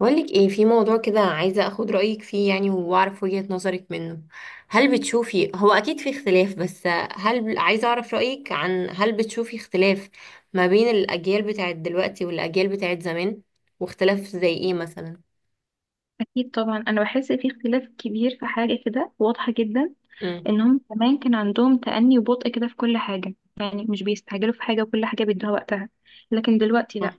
بقولك ايه في موضوع كده، عايزة اخد رأيك فيه يعني واعرف وجهة نظرك منه. هل بتشوفي، هو اكيد في اختلاف، بس هل، عايزة اعرف رأيك، عن هل بتشوفي اختلاف ما بين الاجيال بتاعت دلوقتي والاجيال بتاعت زمان؟ واختلاف زي ايه مثلا؟ أكيد طبعا، أنا بحس في اختلاف كبير. في حاجة كده واضحة جدا، امم. إنهم زمان كان عندهم تأني وبطء كده في كل حاجة، يعني مش بيستعجلوا في حاجة وكل حاجة بيدوها وقتها. لكن دلوقتي صح. لأ،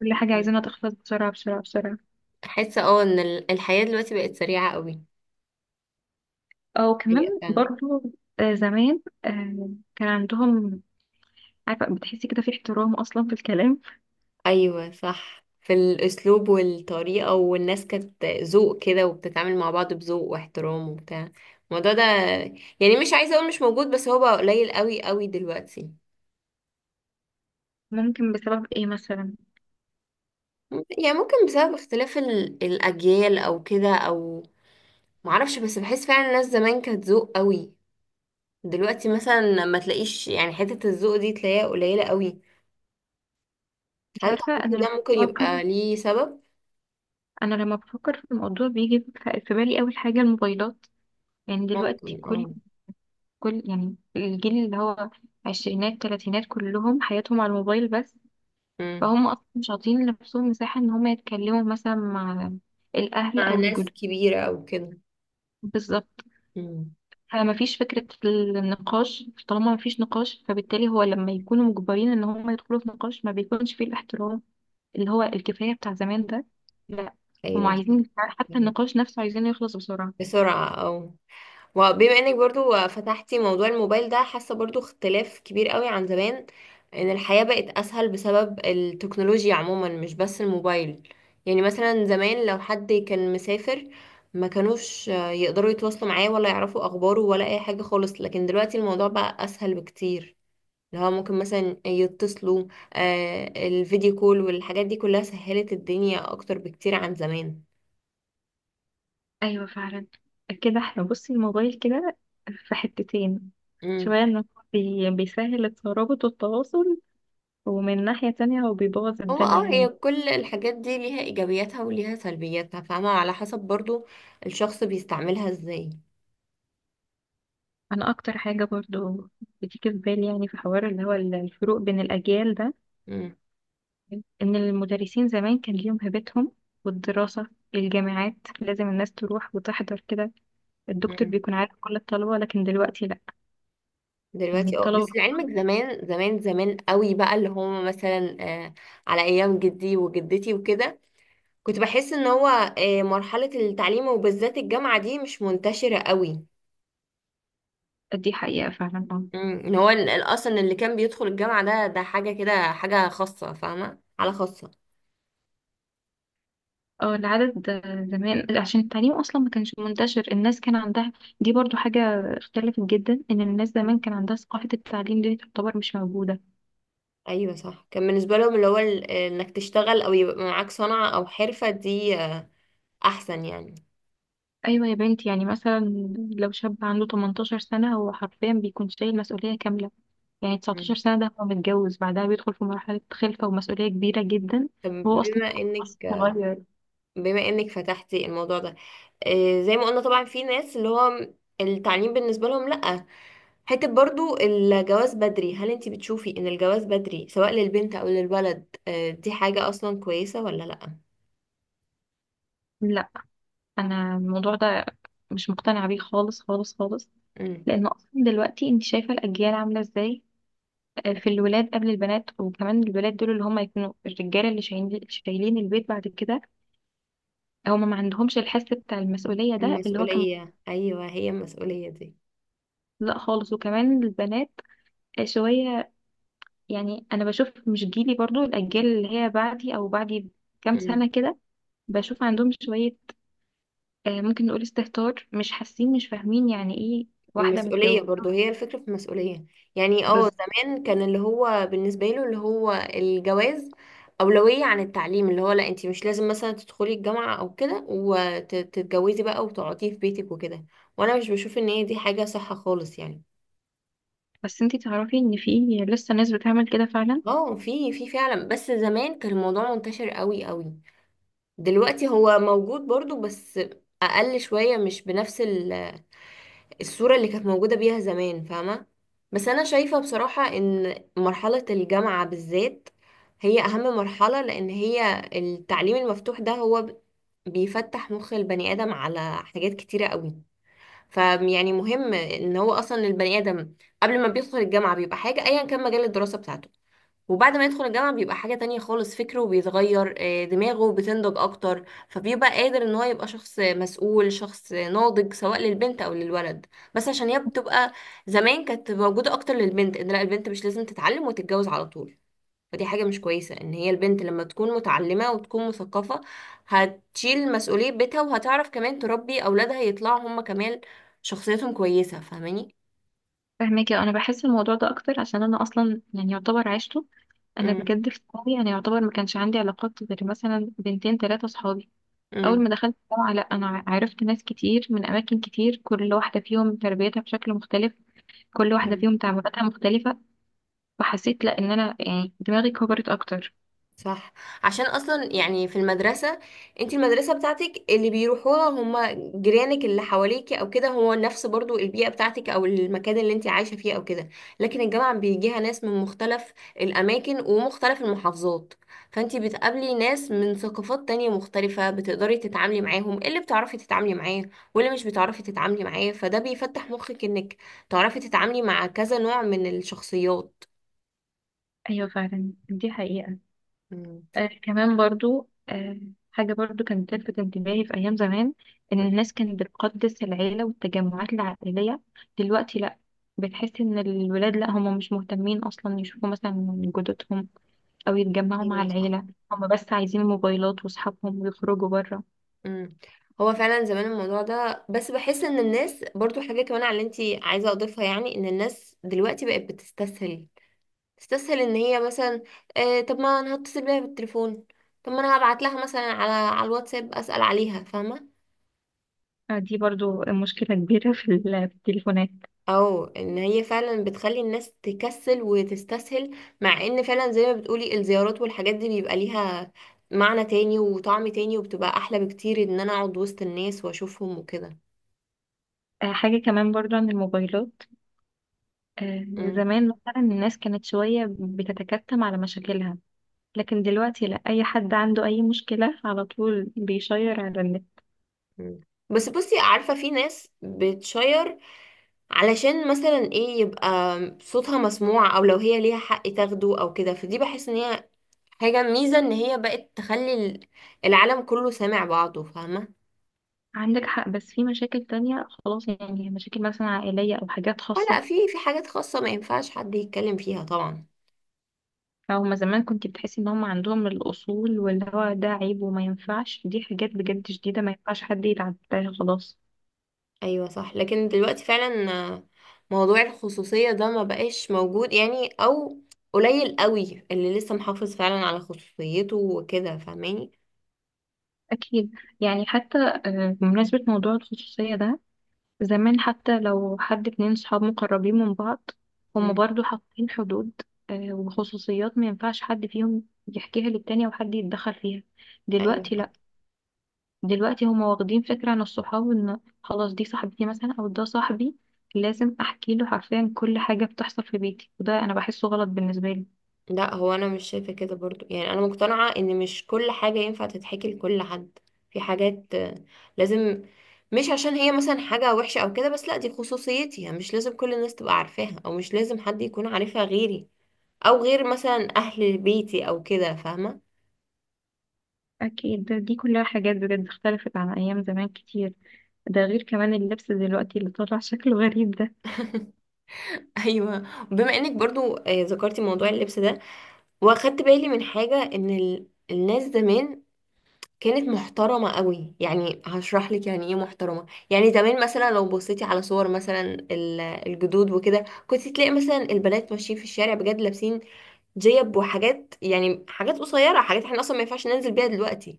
كل حاجة عايزينها تخلص بسرعة بسرعة بسرعة، احس ان الحياة دلوقتي بقت سريعة قوي. أو كمان حقيقة. برضو. زمان كان عندهم، عارفة، بتحسي كده في احترام أصلا في الكلام. ايوه صح، في الاسلوب والطريقه، والناس كانت ذوق كده وبتتعامل مع بعض بذوق واحترام وبتاع الموضوع ده. يعني مش عايزه اقول مش موجود، بس هو بقى قليل قوي قوي دلوقتي. ممكن بسبب إيه مثلا؟ يعني ممكن بسبب اختلاف الاجيال او كده او، معرفش، بس بحس فعلا الناس زمان كانت ذوق قوي. دلوقتي مثلا ما تلاقيش، يعني حته الذوق دي تلاقيها قليله قوي. أنت هل عارفة، تعتقد ده ممكن بفكر يبقى ليه سبب؟ أنا لما بفكر في الموضوع بيجي في بالي أول حاجة الموبايلات. يعني دلوقتي ممكن، كل اه. كل يعني الجيل اللي هو عشرينات تلاتينات كلهم حياتهم على الموبايل بس. مم. فهم أصلا مش عاطين لنفسهم مساحة إن هم يتكلموا مثلا مع الأهل مع أو الجدود. ناس كبيره او كده. بالظبط، مم. فمفيش فكرة النقاش. طالما مفيش نقاش، فبالتالي هو لما يكونوا مجبرين إن هم يدخلوا في نقاش ما بيكونش فيه الاحترام اللي هو الكفاية بتاع زمان ده. لا، هم ايوه. عايزين حتى النقاش نفسه عايزينه يخلص بسرعة. بسرعة او، وبما انك برضو فتحتي موضوع الموبايل ده، حاسة برضو اختلاف كبير قوي عن زمان، ان الحياة بقت اسهل بسبب التكنولوجيا عموما مش بس الموبايل. يعني مثلا زمان لو حد كان مسافر، ما كانوش يقدروا يتواصلوا معاه ولا يعرفوا اخباره ولا اي حاجة خالص، لكن دلوقتي الموضوع بقى اسهل بكتير، اللي هو ممكن مثلا يتصلوا. الفيديو كول والحاجات دي كلها سهلت الدنيا اكتر بكتير عن زمان. ايوه فعلا، كده احنا بصي الموبايل كده في حتتين، شوية انه بيسهل الترابط والتواصل، ومن ناحية تانية هو بيبوظ هو الدنيا هي يعني. كل الحاجات دي ليها ايجابياتها وليها سلبياتها، فاهمة؟ على حسب برضو الشخص بيستعملها ازاي. انا اكتر حاجة برضو بتيجي في بالي يعني في حوار اللي هو الفروق بين الاجيال ده، مم. ان المدرسين زمان كان ليهم هيبتهم، والدراسة، الجامعات، لازم الناس تروح وتحضر كده، الدكتور مم. بيكون عارف كل الطلبة. لكن دلوقتي لا، يعني دلوقتي اه، بس الطلبة. لعلمك زمان زمان زمان قوي بقى، اللي هم مثلا على ايام جدي وجدتي وكده، كنت بحس ان هو مرحلة التعليم وبالذات الجامعة دي مش منتشرة قوي. دي حقيقة فعلا آه. مم. ان هو اصلا اللي كان بيدخل الجامعة ده حاجة كده، حاجة خاصة، فاهمة؟ على خاصة. اه، العدد. زمان عشان التعليم اصلا ما كانش منتشر، الناس كان عندها، دي برضو حاجة اختلفت جدا، ان الناس زمان كان عندها ثقافة التعليم دي تعتبر مش موجودة. ايوه صح، كان بالنسبه لهم اللي هو انك تشتغل او يبقى معاك صنعه او حرفه دي احسن يعني. ايوه يا بنتي، يعني مثلا لو شاب عنده 18 سنة هو حرفيا بيكون شايل مسؤولية كاملة. يعني 19 مم. سنة ده هو متجوز، بعدها بيدخل في مرحلة خلفة ومسؤولية كبيرة جدا، طب وهو اصلا بما انك أصلاً صغير. بما انك فتحتي الموضوع ده، زي ما قلنا طبعا في ناس اللي هو التعليم بالنسبه لهم لا، حته برضو الجواز بدري. هل انت بتشوفي ان الجواز بدري سواء للبنت او للولد دي حاجه اصلا كويسه ولا لا؟ لا، انا الموضوع ده مش مقتنعة بيه خالص خالص خالص. مم. لان اصلا دلوقتي انت شايفه الاجيال عامله ازاي، في الولاد قبل البنات، وكمان الولاد دول اللي هم يكونوا الرجاله اللي شايلين البيت بعد كده، هم ما عندهمش الحس بتاع المسؤوليه ده اللي هو كان. المسؤوليه، ايوه، هي المسؤوليه دي. لا خالص. وكمان البنات شويه، يعني انا بشوف مش جيلي، برضو الاجيال اللي هي بعدي او بعدي كام مم. سنه كده، بشوف عندهم شويه ممكن نقول استهتار، مش حاسين مش فاهمين يعني ايه واحده مسؤولية متجوزه. برضو، هي الفكرة في المسؤولية. يعني بس زمان كان اللي هو بالنسبة له اللي هو الجواز أولوية عن التعليم، اللي هو لا، انتي مش لازم مثلا تدخلي الجامعة أو كده، وتتجوزي بقى وتقعدي في بيتك وكده، وأنا مش بشوف إن هي دي حاجة صح خالص يعني. بس انتي تعرفي ان في لسه ناس بتعمل كده فعلا. اه، في فعلا، بس زمان كان الموضوع منتشر قوي قوي. دلوقتي هو موجود برضو، بس أقل شوية، مش بنفس الصورة اللي كانت موجودة بيها زمان، فاهمة؟ بس أنا شايفة بصراحة إن مرحلة الجامعة بالذات هي أهم مرحلة، لأن هي التعليم المفتوح ده هو بيفتح مخ البني آدم على حاجات كتيرة قوي. فيعني مهم إن هو أصلا البني آدم قبل ما بيدخل الجامعة بيبقى حاجة، أيا كان مجال الدراسة بتاعته، وبعد ما يدخل الجامعة بيبقى حاجة تانية خالص، فكره بيتغير، دماغه بتنضج أكتر، فبيبقى قادر إن هو يبقى شخص مسؤول، شخص ناضج، سواء للبنت أو للولد. بس عشان هي بتبقى، زمان كانت موجودة أكتر للبنت، إن لا، البنت مش لازم تتعلم وتتجوز على طول. فدي حاجة مش كويسة. إن هي البنت لما تكون متعلمة وتكون مثقفة، هتشيل مسؤولية بيتها، وهتعرف كمان تربي أولادها يطلعوا هما كمان شخصيتهم كويسة، فاهماني؟ فاهماكي، انا بحس الموضوع ده اكتر عشان انا اصلا يعني يعتبر عشته. انا امم، بجد في ثانوي انا يعتبر ما كانش عندي علاقات غير مثلا بنتين ثلاثه صحابي. اول ما دخلت الجامعه لا، انا عرفت ناس كتير من اماكن كتير، كل واحده فيهم تربيتها بشكل مختلف، كل واحده امم، فيهم تعاملاتها مختلفه، فحسيت لا ان انا يعني دماغي كبرت اكتر. صح. عشان اصلا يعني في المدرسه، انت المدرسه بتاعتك اللي بيروحوها هم جيرانك اللي حواليكي او كده، هو نفس برضو البيئه بتاعتك او المكان اللي انت عايشه فيه او كده، لكن الجامعه بيجيها ناس من مختلف الاماكن ومختلف المحافظات، فانت بتقابلي ناس من ثقافات تانية مختلفه، بتقدري تتعاملي معاهم، اللي بتعرفي تتعاملي معاه واللي مش بتعرفي تتعاملي معاه، فده بيفتح مخك انك تعرفي تتعاملي مع كذا نوع من الشخصيات. ايوه فعلا، دي حقيقه. مم. كمان برضو حاجه برضو كانت تلفت انتباهي في ايام زمان، ان الناس كانت بتقدس العيله والتجمعات العائليه. دلوقتي لا، بتحس ان الولاد لا هم مش مهتمين اصلا يشوفوا مثلا جدتهم أو يتجمعوا مع ايوه صح. العيلة، هم بس عايزين الموبايلات وأصحابهم ويخرجوا بره. مم. هو فعلا زمان الموضوع ده، بس بحس ان الناس برضو حاجة كمان على اللي انتي عايزة اضيفها، يعني ان الناس دلوقتي بقت بتستسهل، تستسهل ان هي مثلا، طب ما انا هتصل بيها بالتليفون، طب ما انا هبعت لها مثلا على الواتساب اسأل عليها، فاهمة؟ دي برضو مشكلة كبيرة في التليفونات. او ان هي فعلا بتخلي الناس تكسل وتستسهل، مع ان فعلا زي ما بتقولي الزيارات والحاجات دي بيبقى ليها معنى تاني وطعم تاني، وبتبقى احلى بكتير ان انا اقعد وسط الناس واشوفهم وكده. حاجة كمان برضو عن الموبايلات، آه، زمان مثلا الناس كانت شوية بتتكتم على مشاكلها، لكن دلوقتي لا، أي حد عنده أي مشكلة على طول بيشير على النت. مم. بس بصي، عارفة في ناس بتشير علشان مثلا ايه؟ يبقى صوتها مسموع، او لو هي ليها حق تاخده او كده، فدي بحس ان هي حاجة ميزة، ان هي بقت تخلي العالم كله سامع بعضه، فاهمة؟ عندك حق، بس في مشاكل تانية خلاص يعني، مشاكل مثلا عائلية أو حاجات اه خاصة. لا، في حاجات خاصة ما ينفعش حد يتكلم فيها طبعا. هما زمان كنت بتحسي ان هما عندهم الاصول، واللي هو ده عيب وما ينفعش، دي حاجات بجد شديدة ما ينفعش حد يتعداها خلاص. ايوه صح، لكن دلوقتي فعلا موضوع الخصوصية ده ما بقاش موجود يعني، او قليل قوي اللي لسه محافظ فعلا على خصوصيته وكده، فاهماني؟ اكيد. يعني حتى بمناسبة موضوع الخصوصية ده، زمان حتى لو حد اتنين صحاب مقربين من بعض، هما مم. برضو حاطين حدود وخصوصيات ما ينفعش حد فيهم يحكيها للتاني او حد يتدخل فيها. ايوه. دلوقتي دلوقتي هما واخدين فكرة عن الصحاب ان خلاص دي صاحبتي مثلا او ده صاحبي، لازم احكي له حرفيا كل حاجة بتحصل في بيتي، وده انا بحسه غلط بالنسبة لي. لا، هو انا مش شايفه كده برضو، يعني انا مقتنعه ان مش كل حاجه ينفع تتحكي لكل حد، في حاجات لازم، مش عشان هي مثلا حاجه وحشه او كده، بس لا دي خصوصيتي، يعني مش لازم كل الناس تبقى عارفاها، او مش لازم حد يكون عارفها غيري او غير مثلا اهل بيتي او كده، فاهمه؟ اكيد، ده دي كلها حاجات بجد اختلفت عن ايام زمان كتير. ده غير كمان اللبس دلوقتي اللي طالع شكله غريب ده. ايوه. بما انك برضو ذكرتي موضوع اللبس ده، واخدت بالي من حاجه، ان الناس زمان كانت محترمة قوي. يعني هشرح لك يعني ايه محترمة. يعني زمان مثلا لو بصيتي على صور مثلا الجدود وكده، كنت تلاقي مثلا البنات ماشيين في الشارع بجد لابسين جيب وحاجات، يعني حاجات قصيرة، حاجات احنا اصلا ما ينفعش ننزل بيها دلوقتي،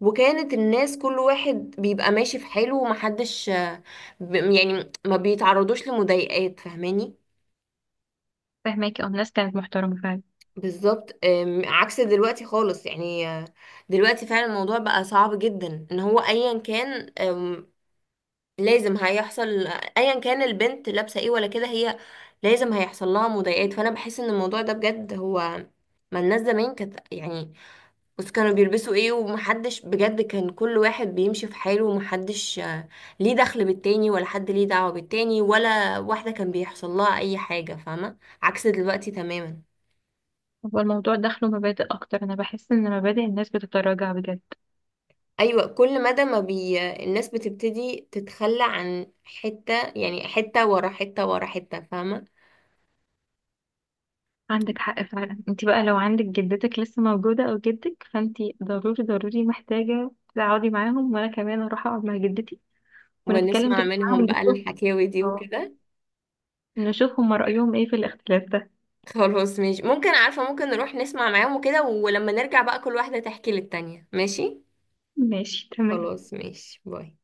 وكانت الناس كل واحد بيبقى ماشي في حاله، ومحدش يعني ما بيتعرضوش لمضايقات، فاهماني؟ فهماكي، اه، الناس كانت محترمة فعلا. بالظبط. عكس دلوقتي خالص يعني، دلوقتي فعلا الموضوع بقى صعب جدا، ان هو ايا كان لازم هيحصل، ايا كان البنت لابسه ايه ولا كده، هي لازم هيحصل لها مضايقات. فانا بحس ان الموضوع ده بجد هو، ما الناس زمان كانت يعني، بس كانوا بيلبسوا ايه، ومحدش بجد كان، كل واحد بيمشي في حاله، ومحدش ليه دخل بالتاني، ولا حد ليه دعوة بالتاني، ولا واحدة كان بيحصل لها اي حاجة، فاهمة؟ عكس دلوقتي تماما. هو الموضوع دخله مبادئ اكتر، انا بحس ان مبادئ الناس بتتراجع بجد. ايوه، كل مدى ما بي الناس بتبتدي تتخلى عن حتة، يعني حتة ورا حتة ورا حتة، فاهمة؟ عندك حق فعلا. انت بقى لو عندك جدتك لسه موجودة او جدك، فانت ضروري ضروري محتاجة تقعدي معاهم، وانا كمان اروح اقعد مع جدتي ونتكلم ونسمع كده معاهم منهم بقى ونشوف، الحكاوي دي اه، وكده. نشوف هما رأيهم ايه في الاختلاف ده. خلاص ماشي، ممكن، عارفة، ممكن نروح نسمع معاهم وكده، ولما نرجع بقى كل واحدة تحكي للتانية، ماشي؟ ماشي، تمام. خلاص ماشي، باي.